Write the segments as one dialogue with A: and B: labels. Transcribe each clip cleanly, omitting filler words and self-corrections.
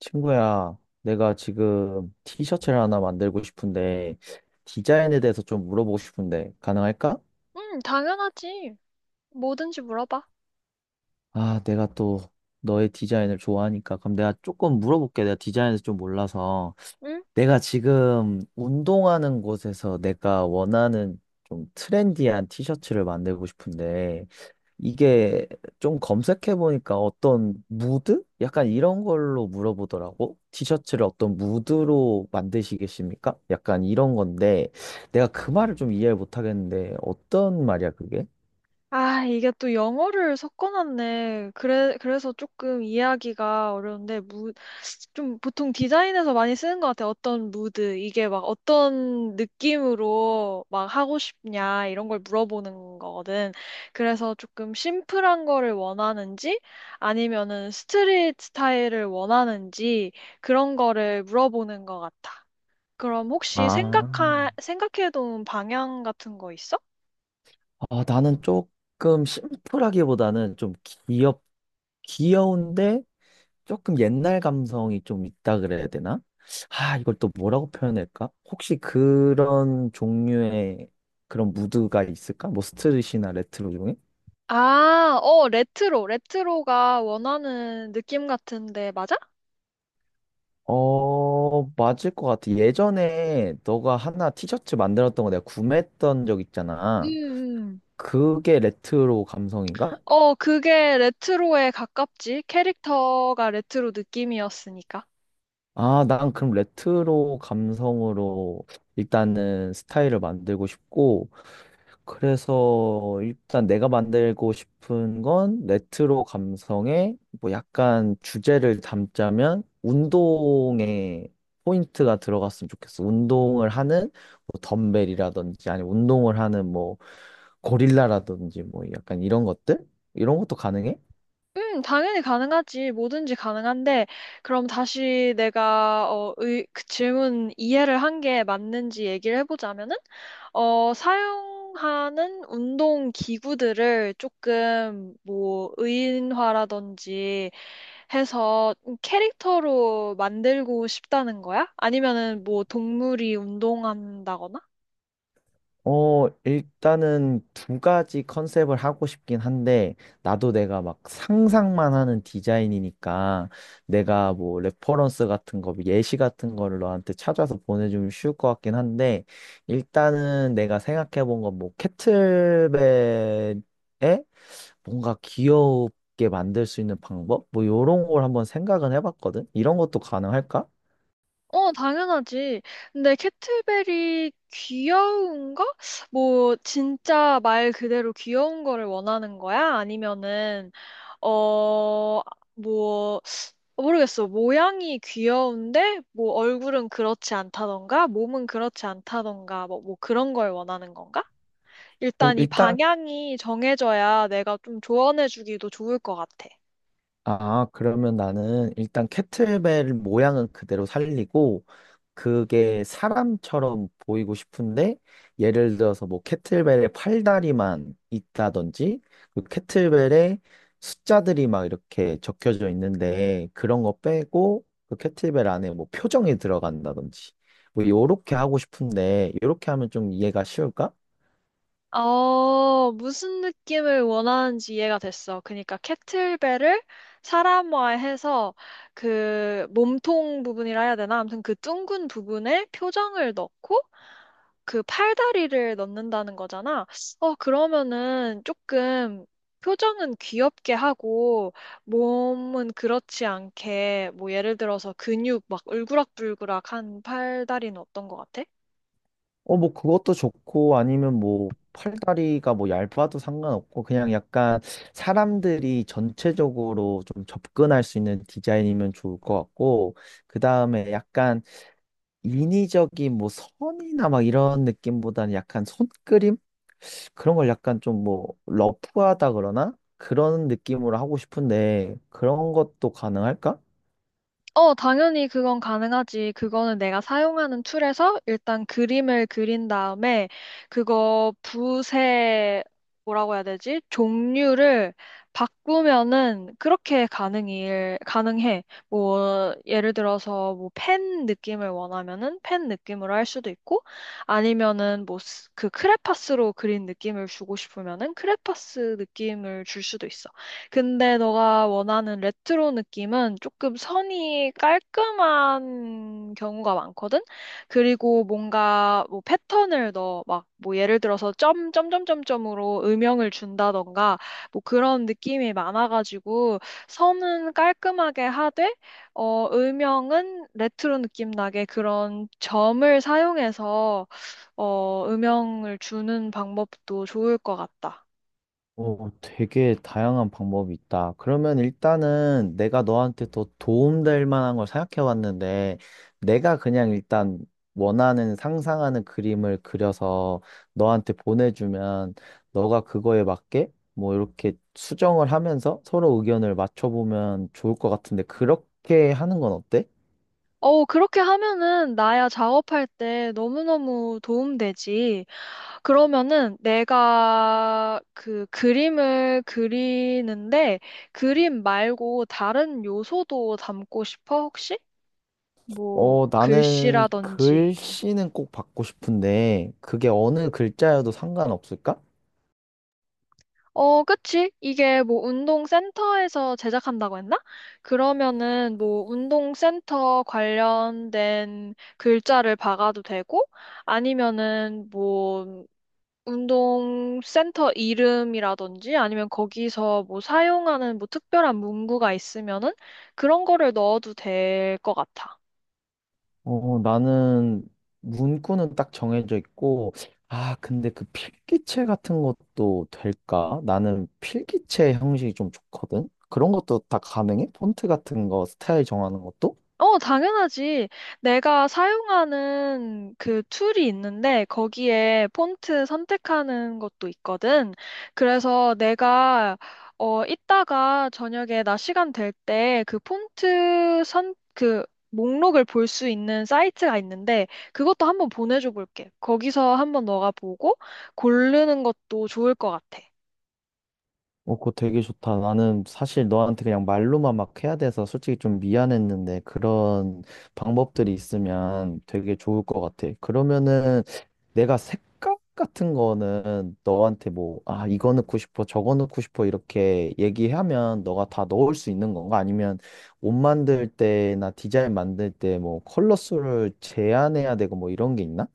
A: 친구야, 내가 지금 티셔츠를 하나 만들고 싶은데, 디자인에 대해서 좀 물어보고 싶은데, 가능할까?
B: 응, 당연하지. 뭐든지 물어봐.
A: 아, 내가 또 너의 디자인을 좋아하니까. 그럼 내가 조금 물어볼게. 내가 디자인에서 좀 몰라서.
B: 응?
A: 내가 지금 운동하는 곳에서 내가 원하는 좀 트렌디한 티셔츠를 만들고 싶은데, 이게 좀 검색해보니까 어떤 무드? 약간 이런 걸로 물어보더라고. 티셔츠를 어떤 무드로 만드시겠습니까? 약간 이런 건데, 내가 그 말을 좀 이해를 못하겠는데, 어떤 말이야, 그게?
B: 아, 이게 또 영어를 섞어놨네. 그래, 그래서 조금 이해하기가 어려운데, 좀 보통 디자인에서 많이 쓰는 것 같아. 어떤 무드, 이게 막 어떤 느낌으로 막 하고 싶냐, 이런 걸 물어보는 거거든. 그래서 조금 심플한 거를 원하는지, 아니면은 스트릿 스타일을 원하는지, 그런 거를 물어보는 것 같아. 그럼 혹시
A: 아,
B: 생각해둔 방향 같은 거 있어?
A: 아, 나는 조금 심플하기보다는 좀 귀엽, 귀여운데, 조금 옛날 감성이 좀 있다 그래야 되나? 아, 이걸 또 뭐라고 표현할까? 혹시 그런 종류의 그런 무드가 있을까? 뭐 스트릿이나 레트로 중에?
B: 아, 어, 레트로. 레트로가 원하는 느낌 같은데, 맞아?
A: 어, 맞을 것 같아. 예전에 너가 하나 티셔츠 만들었던 거 내가 구매했던 적
B: 음,
A: 있잖아.
B: 음.
A: 그게 레트로 감성인가?
B: 어, 그게 레트로에 가깝지. 캐릭터가 레트로 느낌이었으니까.
A: 아, 난 그럼 레트로 감성으로 일단은 스타일을 만들고 싶고, 그래서 일단 내가 만들고 싶은 건 레트로 감성에 뭐 약간 주제를 담자면 운동에 포인트가 들어갔으면 좋겠어. 운동을 하는 뭐 덤벨이라든지 아니 운동을 하는 뭐 고릴라라든지 뭐 약간 이런 것들? 이런 것도 가능해?
B: 당연히 가능하지. 뭐든지 가능한데, 그럼 다시 그 질문 이해를 한 게 맞는지 얘기를 해보자면은, 어, 사용하는 운동 기구들을 조금, 뭐, 의인화라든지 해서 캐릭터로 만들고 싶다는 거야? 아니면은 뭐, 동물이 운동한다거나?
A: 어, 일단은 두 가지 컨셉을 하고 싶긴 한데, 나도 내가 막 상상만 하는 디자인이니까, 내가 뭐 레퍼런스 같은 거, 뭐 예시 같은 거를 너한테 찾아서 보내주면 쉬울 것 같긴 한데, 일단은 내가 생각해 본 건 뭐, 캐틀벨에 뭔가 귀엽게 만들 수 있는 방법? 뭐, 요런 걸 한번 생각은 해봤거든? 이런 것도 가능할까?
B: 어, 당연하지. 근데 캐트벨이 귀여운가? 뭐, 진짜 말 그대로 귀여운 거를 원하는 거야? 아니면은, 어, 뭐, 모르겠어. 모양이 귀여운데, 뭐, 얼굴은 그렇지 않다던가, 몸은 그렇지 않다던가, 뭐 그런 걸 원하는 건가?
A: 뭐,
B: 일단 이
A: 일단
B: 방향이 정해져야 내가 좀 조언해주기도 좋을 것 같아.
A: 아, 그러면 나는 일단 캐틀벨 모양은 그대로 살리고, 그게 사람처럼 보이고 싶은데, 예를 들어서 뭐 캐틀벨의 팔다리만 있다든지, 그 캐틀벨에 숫자들이 막 이렇게 적혀져 있는데, 그런 거 빼고, 그 캐틀벨 안에 뭐 표정이 들어간다든지, 뭐 요렇게 하고 싶은데, 요렇게 하면 좀 이해가 쉬울까?
B: 어, 무슨 느낌을 원하는지 이해가 됐어. 그러니까 캐틀벨을 사람화해서 그 몸통 부분이라 해야 되나? 아무튼 그 둥근 부분에 표정을 넣고 그 팔다리를 넣는다는 거잖아. 어, 그러면은 조금 표정은 귀엽게 하고 몸은 그렇지 않게 뭐 예를 들어서 근육 막 울그락불그락한 팔다리는 어떤 것 같아?
A: 어, 뭐, 그것도 좋고, 아니면 뭐, 팔다리가 뭐, 얇아도 상관없고, 그냥 약간 사람들이 전체적으로 좀 접근할 수 있는 디자인이면 좋을 것 같고, 그 다음에 약간 인위적인 뭐, 선이나 막 이런 느낌보다는 약간 손그림? 그런 걸 약간 좀 뭐, 러프하다 그러나? 그런 느낌으로 하고 싶은데, 그런 것도 가능할까?
B: 어, 당연히 그건 가능하지. 그거는 내가 사용하는 툴에서 일단 그림을 그린 다음에 그거 붓의 뭐라고 해야 되지? 종류를 바꾸면은 그렇게 가능해. 뭐, 예를 들어서 뭐 펜 느낌을 원하면은 펜 느낌으로 할 수도 있고 아니면은 뭐 그 크레파스로 그린 느낌을 주고 싶으면은 크레파스 느낌을 줄 수도 있어. 근데 너가 원하는 레트로 느낌은 조금 선이 깔끔한 경우가 많거든? 그리고 뭔가 뭐 패턴을 넣어. 막 뭐 예를 들어서 점, 점, 점, 점, 점으로 음영을 준다던가 뭐 그런 느낌이 많아가지고 선은 깔끔하게 하되, 어, 음영은 레트로 느낌 나게 그런 점을 사용해서 어, 음영을 주는 방법도 좋을 것 같다.
A: 오, 되게 다양한 방법이 있다. 그러면 일단은 내가 너한테 더 도움될 만한 걸 생각해 왔는데, 내가 그냥 일단 원하는 상상하는 그림을 그려서 너한테 보내주면, 너가 그거에 맞게 뭐 이렇게 수정을 하면서 서로 의견을 맞춰보면 좋을 것 같은데, 그렇게 하는 건 어때?
B: 어, 그렇게 하면은 나야 작업할 때 너무너무 도움되지. 그러면은 내가 그 그림을 그리는데 그림 말고 다른 요소도 담고 싶어, 혹시? 뭐
A: 어, 나는
B: 글씨라든지.
A: 글씨는 꼭 받고 싶은데, 그게 어느 글자여도 상관없을까?
B: 어, 그치? 이게 뭐 운동센터에서 제작한다고 했나? 그러면은 뭐 운동센터 관련된 글자를 박아도 되고 아니면은 뭐 운동 센터 이름이라든지 아니면 거기서 뭐 사용하는 뭐 특별한 문구가 있으면은 그런 거를 넣어도 될 것 같아.
A: 어, 나는 문구는 딱 정해져 있고, 아, 근데 그 필기체 같은 것도 될까? 나는 필기체 형식이 좀 좋거든? 그런 것도 다 가능해? 폰트 같은 거, 스타일 정하는 것도?
B: 어, 당연하지. 내가 사용하는 그 툴이 있는데 거기에 폰트 선택하는 것도 있거든. 그래서 내가 어 이따가 저녁에 나 시간 될 때 그 폰트 선 그 목록을 볼 수 있는 사이트가 있는데 그것도 한번 보내줘 볼게. 거기서 한번 너가 보고 고르는 것도 좋을 것 같아.
A: 어, 그거 되게 좋다. 나는 사실 너한테 그냥 말로만 막 해야 돼서 솔직히 좀 미안했는데 그런 방법들이 있으면 되게 좋을 것 같아. 그러면은 내가 색깔 같은 거는 너한테 뭐, 아, 이거 넣고 싶어, 저거 넣고 싶어 이렇게 얘기하면 너가 다 넣을 수 있는 건가? 아니면 옷 만들 때나 디자인 만들 때 뭐 컬러 수를 제한해야 되고 뭐 이런 게 있나?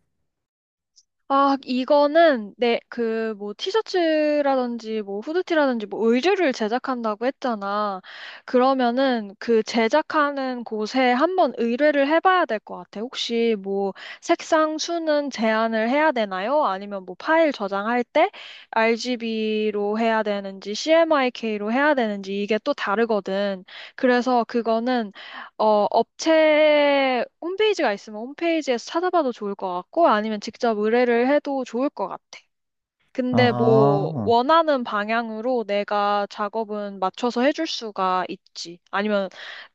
B: 아, 이거는 내 그 뭐 티셔츠라든지 뭐 후드티라든지 뭐 의류를 제작한다고 했잖아. 그러면은 그 제작하는 곳에 한번 의뢰를 해봐야 될 것 같아. 혹시 뭐 색상 수는 제한을 해야 되나요? 아니면 뭐 파일 저장할 때 RGB로 해야 되는지 CMYK로 해야 되는지 이게 또 다르거든. 그래서 그거는 어, 업체 홈페이지가 있으면 홈페이지에서 찾아봐도 좋을 것 같고, 아니면 직접 의뢰를 해도 좋을 것 같아. 근데 뭐,
A: 아.
B: 원하는 방향으로 내가 작업은 맞춰서 해줄 수가 있지. 아니면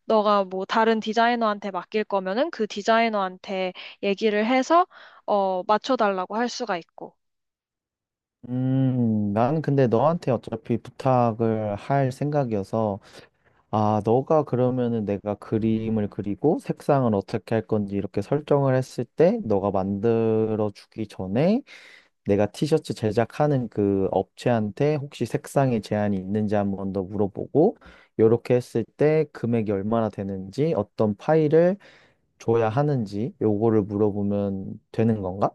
B: 너가 뭐 다른 디자이너한테 맡길 거면은 그 디자이너한테 얘기를 해서, 어, 맞춰달라고 할 수가 있고.
A: 나는 근데 너한테 어차피 부탁을 할 생각이어서, 아, 너가 그러면은 내가 그림을 그리고 색상을 어떻게 할 건지 이렇게 설정을 했을 때, 너가 만들어 주기 전에 내가 티셔츠 제작하는 그 업체한테 혹시 색상에 제한이 있는지 한번 더 물어보고, 요렇게 했을 때 금액이 얼마나 되는지, 어떤 파일을 줘야 하는지, 요거를 물어보면 되는 건가?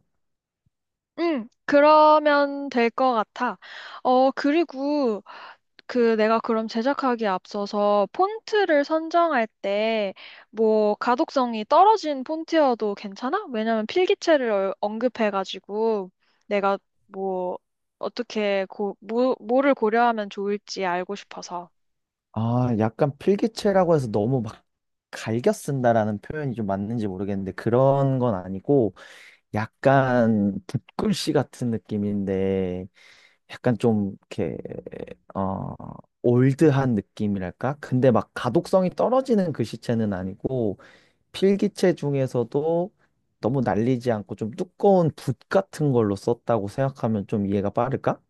B: 응, 그러면 될 것 같아. 어, 그리고, 그 내가 그럼 제작하기에 앞서서 폰트를 선정할 때 뭐 가독성이 떨어진 폰트여도 괜찮아? 왜냐면 필기체를 언급해가지고 내가 뭐 뭐, 뭐를 고려하면 좋을지 알고 싶어서.
A: 아, 약간 필기체라고 해서 너무 막 갈겨 쓴다라는 표현이 좀 맞는지 모르겠는데 그런 건 아니고 약간 붓글씨 같은 느낌인데 약간 좀 이렇게 어 올드한 느낌이랄까? 근데 막 가독성이 떨어지는 글씨체는 아니고 필기체 중에서도 너무 날리지 않고 좀 두꺼운 붓 같은 걸로 썼다고 생각하면 좀 이해가 빠를까?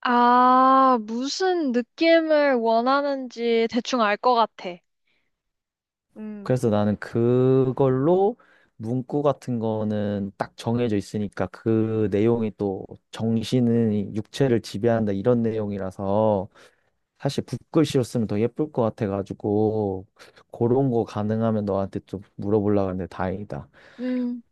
B: 아, 무슨 느낌을 원하는지 대충 알 것 같아. 음.
A: 그래서 나는 그걸로 문구 같은 거는 딱 정해져 있으니까 그 내용이 또 정신은 육체를 지배한다 이런 내용이라서 사실 붓글씨로 쓰면 더 예쁠 것 같아가지고 그런 거 가능하면 너한테 좀 물어보려고 하는데 다행이다.
B: 음.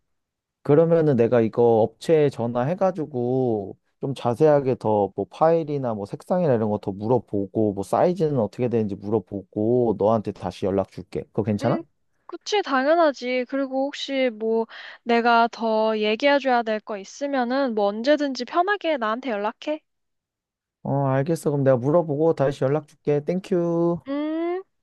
A: 그러면은 내가 이거 업체에 전화해가지고 좀 자세하게 더 뭐 파일이나 뭐 색상이나 이런 거 더 물어보고 뭐 사이즈는 어떻게 되는지 물어보고 너한테 다시 연락 줄게. 그거
B: 음,
A: 괜찮아?
B: 그치, 당연하지. 그리고 혹시 뭐 내가 더 얘기해줘야 될 거 있으면은 뭐 언제든지 편하게 나한테 연락해.
A: 어, 알겠어. 그럼 내가 물어보고 다시 연락 줄게. 땡큐.
B: 음.